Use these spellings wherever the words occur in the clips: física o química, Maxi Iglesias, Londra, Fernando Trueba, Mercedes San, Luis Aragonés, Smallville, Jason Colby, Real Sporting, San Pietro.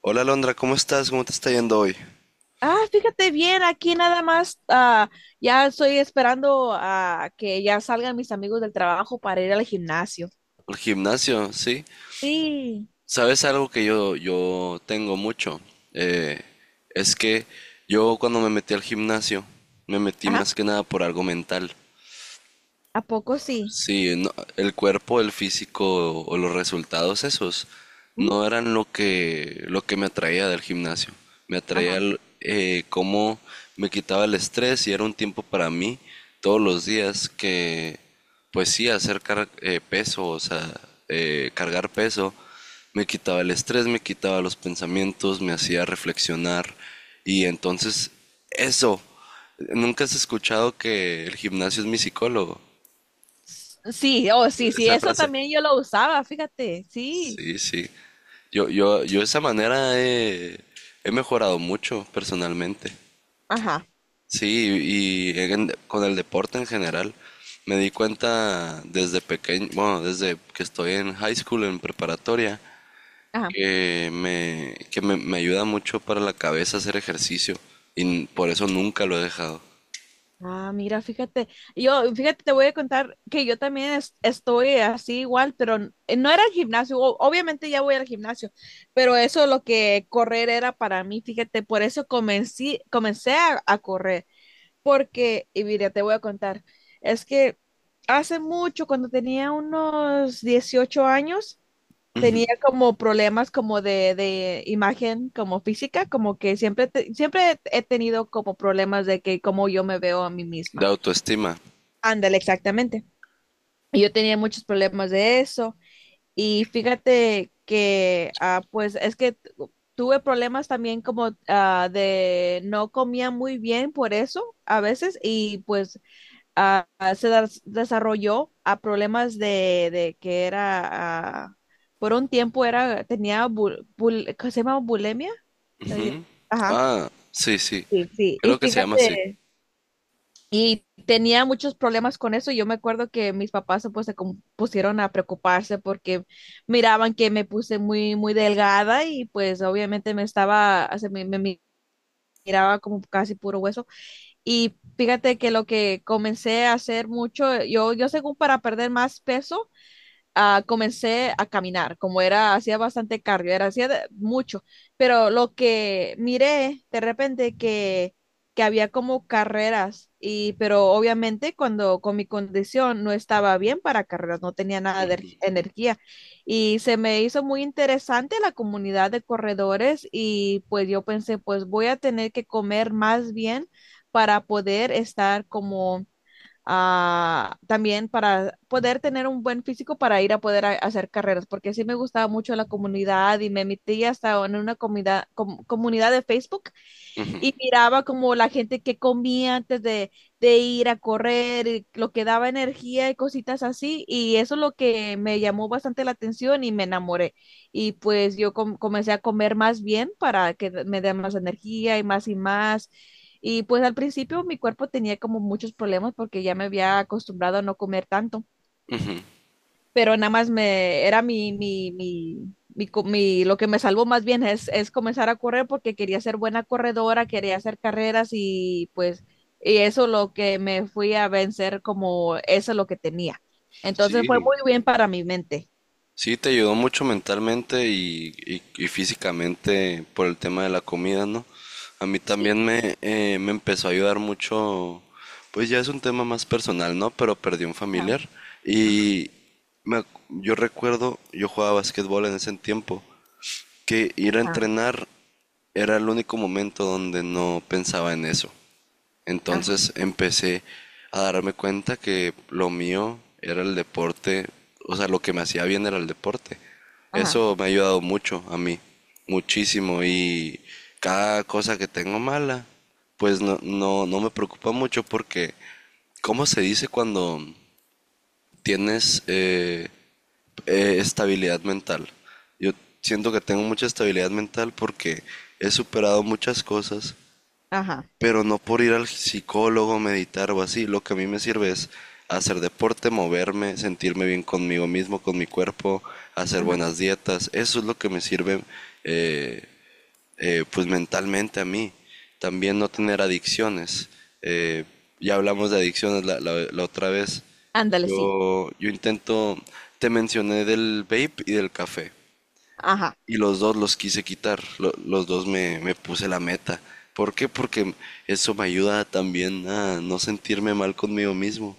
Hola Londra, ¿cómo estás? ¿Cómo te está yendo hoy? Fíjate bien, aquí nada más, ya estoy esperando a que ya salgan mis amigos del trabajo para ir al gimnasio. Al gimnasio, ¿sí? Sí. ¿Sabes algo que yo tengo mucho? Eh, es que yo cuando me metí al gimnasio, me metí Ajá, más que nada por algo mental. ¿a poco sí? Sí, no, el cuerpo, el físico o los resultados esos Ujú. no eran lo que me atraía del gimnasio. Me atraía Ajá. Cómo me quitaba el estrés y era un tiempo para mí todos los días que, pues sí, peso, o sea, cargar peso, me quitaba el estrés, me quitaba los pensamientos, me hacía reflexionar y entonces eso, ¿nunca has escuchado que el gimnasio es mi psicólogo? Sí, oh, sí, sí, Esa eso frase. también yo lo usaba, fíjate, sí. Sí, sí. Yo de esa he mejorado mucho personalmente. Ajá, Sí, y con el deporte en general. Me di cuenta desde pequeño, bueno, desde que estoy en high school, en preparatoria, ajá. que me ayuda mucho para la cabeza hacer ejercicio. Y por eso nunca lo he dejado. Mira, fíjate, yo, fíjate, te voy a contar que yo también estoy así igual, pero no era el gimnasio, obviamente ya voy al gimnasio, pero eso lo que correr era para mí, fíjate, por eso comencé a correr, porque, y mira, te voy a contar, es que hace mucho, cuando tenía unos 18 años, tenía como problemas como de imagen, como física, como que siempre, siempre he tenido como problemas de que como yo me veo a mí De misma. autoestima. Ándale, exactamente. Y yo tenía muchos problemas de eso y fíjate que, pues es que tuve problemas también como de no comía muy bien por eso a veces y pues desarrolló a problemas de que era, ah, por un tiempo era, tenía, ¿cómo se llama? Bulimia. Soy- Ajá, Ah, sí, sí. sí, sí. Y Creo que se llama así. fíjate. Y tenía muchos problemas con eso. Yo me acuerdo que mis papás pues, se pusieron a preocuparse porque miraban que me puse muy, muy delgada y pues obviamente me estaba, o sea, miraba como casi puro hueso. Y fíjate que lo que comencé a hacer mucho, yo según para perder más peso, comencé a caminar, como era, hacía bastante cardio, era, hacía mucho, pero lo que miré de repente que había como carreras, y, pero obviamente cuando con mi condición no estaba bien para carreras, no tenía nada de energía, y se me hizo muy interesante la comunidad de corredores, y pues yo pensé, pues voy a tener que comer más bien para poder estar como también para poder tener un buen físico para ir a poder hacer carreras, porque sí me gustaba mucho la comunidad y me metí hasta en una comunidad de Facebook y miraba como la gente que comía antes de ir a correr, y lo que daba energía y cositas así, y eso es lo que me llamó bastante la atención y me enamoré. Y pues yo comencé a comer más bien para que me dé más energía y más y más y pues al principio mi cuerpo tenía como muchos problemas porque ya me había acostumbrado a no comer tanto, pero nada más me era lo que me salvó más bien es comenzar a correr porque quería ser buena corredora, quería hacer carreras y pues y eso lo que me fui a vencer como eso es lo que tenía. Entonces fue Sí. muy bien para mi mente. Sí, te ayudó mucho mentalmente y físicamente por el tema de la comida, ¿no? A mí Sí. también me empezó a ayudar mucho, pues ya es un tema más personal, ¿no? Pero perdí un Ajá, familiar y yo recuerdo, yo jugaba básquetbol en ese tiempo, que ir a ajá, entrenar era el único momento donde no pensaba en eso. ajá, Entonces empecé a darme cuenta que lo mío era el deporte, o sea, lo que me hacía bien era el deporte. ajá, Eso me ha ayudado mucho a mí, muchísimo. Y cada cosa que tengo mala, pues no me preocupa mucho porque, ¿cómo se dice cuando tienes estabilidad mental? Yo siento que tengo mucha estabilidad mental porque he superado muchas cosas ajá, pero no por ir al psicólogo, meditar o así. Lo que a mí me sirve es hacer deporte, moverme, sentirme bien conmigo mismo, con mi cuerpo, hacer ajá. buenas dietas. Eso es lo que me sirve eh, pues mentalmente a mí. También no tener adicciones. Eh, ya hablamos de adicciones la otra vez. Ándale, sí. Yo intento, te mencioné del vape y del café Ajá, y los dos los quise quitar, los dos me puse la meta. ¿Por qué? Porque eso me ayuda también a no sentirme mal conmigo mismo.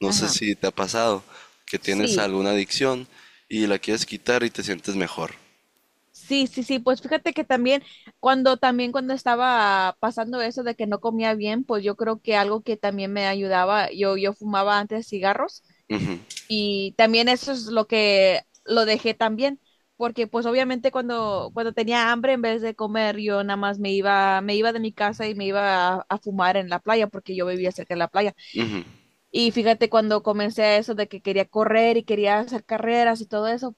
No sé ajá. si te ha pasado que tienes Sí. alguna adicción y la quieres quitar y te sientes mejor. Sí, sí, sí, pues fíjate que también cuando estaba pasando eso de que no comía bien, pues yo creo que algo que también me ayudaba, yo fumaba antes cigarros Ujú, y también eso es lo que lo dejé también, porque pues obviamente cuando, cuando tenía hambre, en vez de comer, yo nada más me iba de mi casa y me iba a fumar en la playa, porque yo vivía cerca de la playa. ujú, Y fíjate, cuando comencé a eso de que quería correr y quería hacer carreras y todo eso,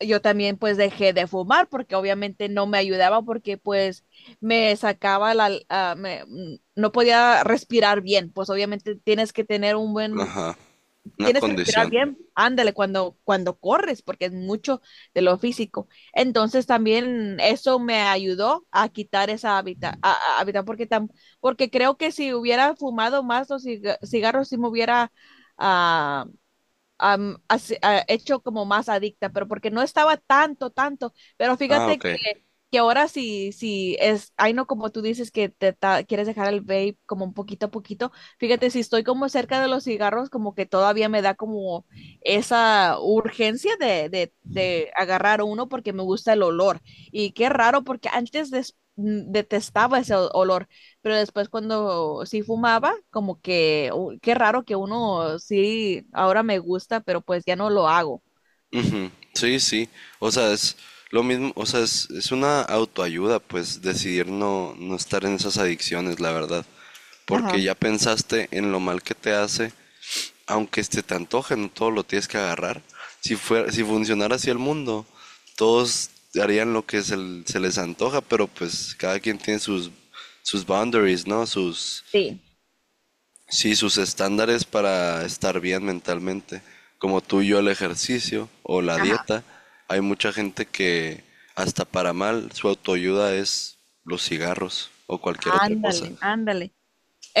yo también pues dejé de fumar porque obviamente no me ayudaba porque pues me sacaba la, no podía respirar bien, pues obviamente tienes que tener un buen ajá. Una tienes que respirar condición. bien, ándale cuando, cuando corres, porque es mucho de lo físico. Entonces también eso me ayudó a quitar esa hábitat, hábitat, porque creo que si hubiera fumado más los cigarros, sí me hubiera ah, hecho como más adicta, pero porque no estaba tanto, tanto. Pero Ah, fíjate ok. Que ahora sí, sí es, ay no, como tú dices que te quieres dejar el vape como un poquito a poquito. Fíjate, si estoy como cerca de los cigarros, como que todavía me da como esa urgencia de agarrar uno porque me gusta el olor. Y qué raro, porque antes detestaba ese olor, pero después cuando sí fumaba, como que, "Uy, qué raro que uno sí, ahora me gusta, pero pues ya no lo hago". Ujú, sí, sí. O sea, es lo mismo, o sea, es una autoayuda, pues decidir no estar en esas adicciones, la verdad. Porque Ajá. ya pensaste en lo mal que te hace aunque se te antoje no todo lo tienes que agarrar. Si, fuera, si funcionara así el mundo, todos harían lo que se les antoja, pero pues cada quien tiene sus, sus boundaries, ¿no? Sus, Sí. sí, sus estándares para estar bien mentalmente. Como tú y yo el ejercicio o la Ajá, dieta, hay mucha gente que hasta para mal su autoayuda es los cigarros o cualquier otra cosa. ándale, ándale.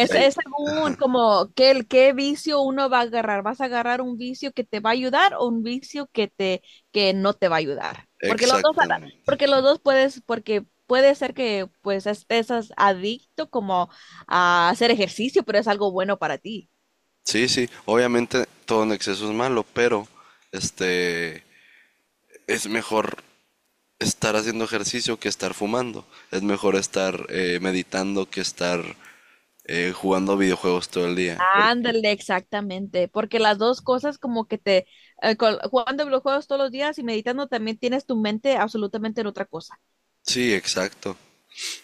Y hay, Es según como qué, qué vicio uno va a agarrar. ¿Vas a agarrar un vicio que te va a ayudar o un vicio que te que no te va a ayudar? Exactamente. Porque los dos puedes, porque puede ser que pues estés adicto como a hacer ejercicio, pero es algo bueno para ti. Sí, sí, obviamente todo en exceso es malo, pero este es mejor estar haciendo ejercicio que estar fumando. Es mejor estar meditando que estar jugando videojuegos todo el día. Por- Ándale, exactamente, porque las dos cosas como que te, jugando videojuegos todos los días y meditando también tienes tu mente absolutamente en otra cosa. Sí, exacto.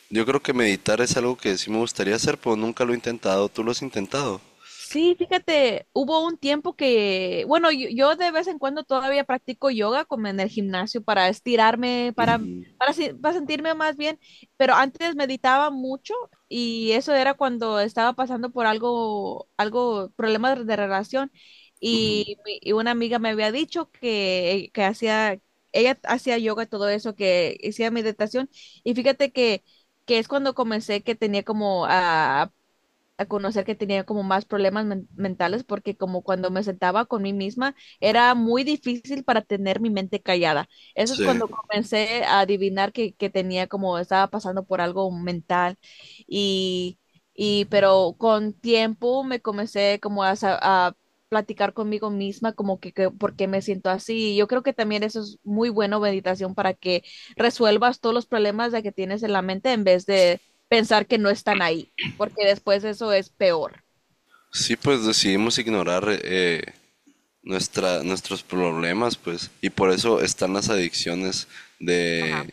Yo creo que meditar es algo que sí me gustaría hacer, pero nunca lo he intentado. ¿Tú lo has intentado? Sí, fíjate, hubo un tiempo que, bueno, yo de vez en cuando todavía practico yoga como en el gimnasio para estirarme, para, para sentirme más bien, pero antes meditaba mucho y eso era cuando estaba pasando por algo, algo, problemas de relación y, y una amiga me había dicho que hacía, ella hacía yoga, todo eso, que hacía meditación y fíjate que es cuando comencé que tenía como a conocer que tenía como más problemas mentales porque como cuando me sentaba con mí misma era muy difícil para tener mi mente callada. Eso es Sí. cuando comencé a adivinar que tenía como estaba pasando por algo mental y, y pero con tiempo me comencé como a platicar conmigo misma como que por qué me siento así. Yo creo que también eso es muy bueno meditación para que resuelvas todos los problemas de que tienes en la mente en vez de pensar que no están ahí porque después eso es peor. Sí, pues decidimos ignorar nuestros problemas, pues. Y por eso están las adicciones Ajá. de,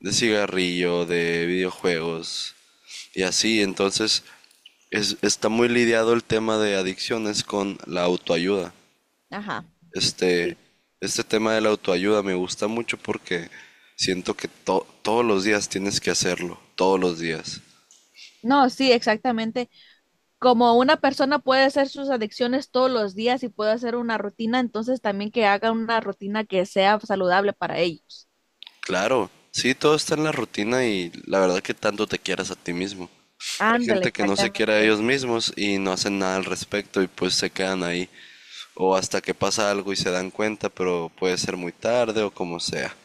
de cigarrillo, de videojuegos y así. Entonces, está muy lidiado el tema de adicciones con la autoayuda. Ajá. Este, Sí. este tema de la autoayuda me gusta mucho porque siento que todos los días tienes que hacerlo, todos los días. No, sí, exactamente. Como una persona puede hacer sus adicciones todos los días y puede hacer una rutina, entonces también que haga una rutina que sea saludable para ellos. Claro, sí, todo está en la rutina y la verdad que tanto te quieras a ti mismo. Hay Ándale, gente que no se quiere a exactamente. ellos mismos y no hacen nada al respecto y pues se quedan ahí. O hasta que pasa algo y se dan cuenta, pero puede ser muy tarde o como sea.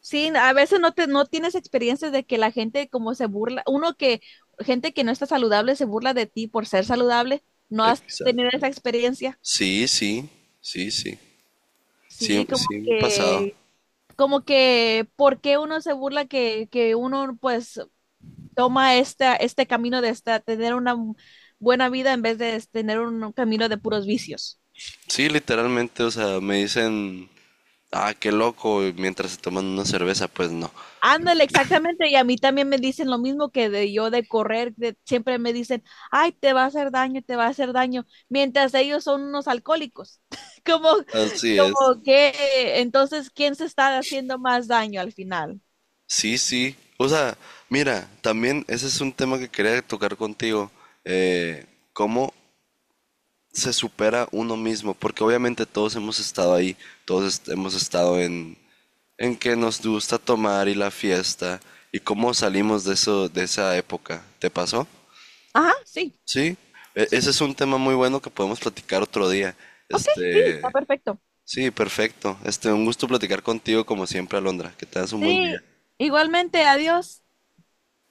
Sí, a veces no te, no tienes experiencias de que la gente como se burla, uno que, gente que no está saludable se burla de ti por ser saludable, ¿no has Exacto. tenido esa experiencia? Sí, sí, sí, sí. Sí, Sí, sí me ha pasado. Como que, ¿por qué uno se burla que uno pues toma esta, este camino de esta, tener una buena vida en vez de tener un camino de puros vicios. Sí, literalmente, o sea, me dicen, ah, qué loco, y mientras se toman una cerveza, pues no. Ándale, exactamente. Y a mí también me dicen lo mismo que de yo de correr. Siempre me dicen, ay, te va a hacer daño, te va a hacer daño. Mientras ellos son unos alcohólicos. Como, Así es. como que, entonces, ¿quién se está haciendo más daño al final? Sí, sí. O sea, mira, también ese es un tema que quería tocar contigo. eh, ¿Cómo se supera uno mismo? Porque obviamente todos hemos estado ahí, hemos estado en que nos gusta tomar y la fiesta. ¿Y cómo salimos de eso, de esa época? ¿Te pasó? Ajá, sí, Sí. Sí, Ese sí. es un tema muy bueno que podemos platicar otro día. Ok, sí, está Este, perfecto. sí, perfecto. Este, un gusto platicar contigo como siempre, Alondra. Que tengas un buen día. Sí, igualmente, adiós.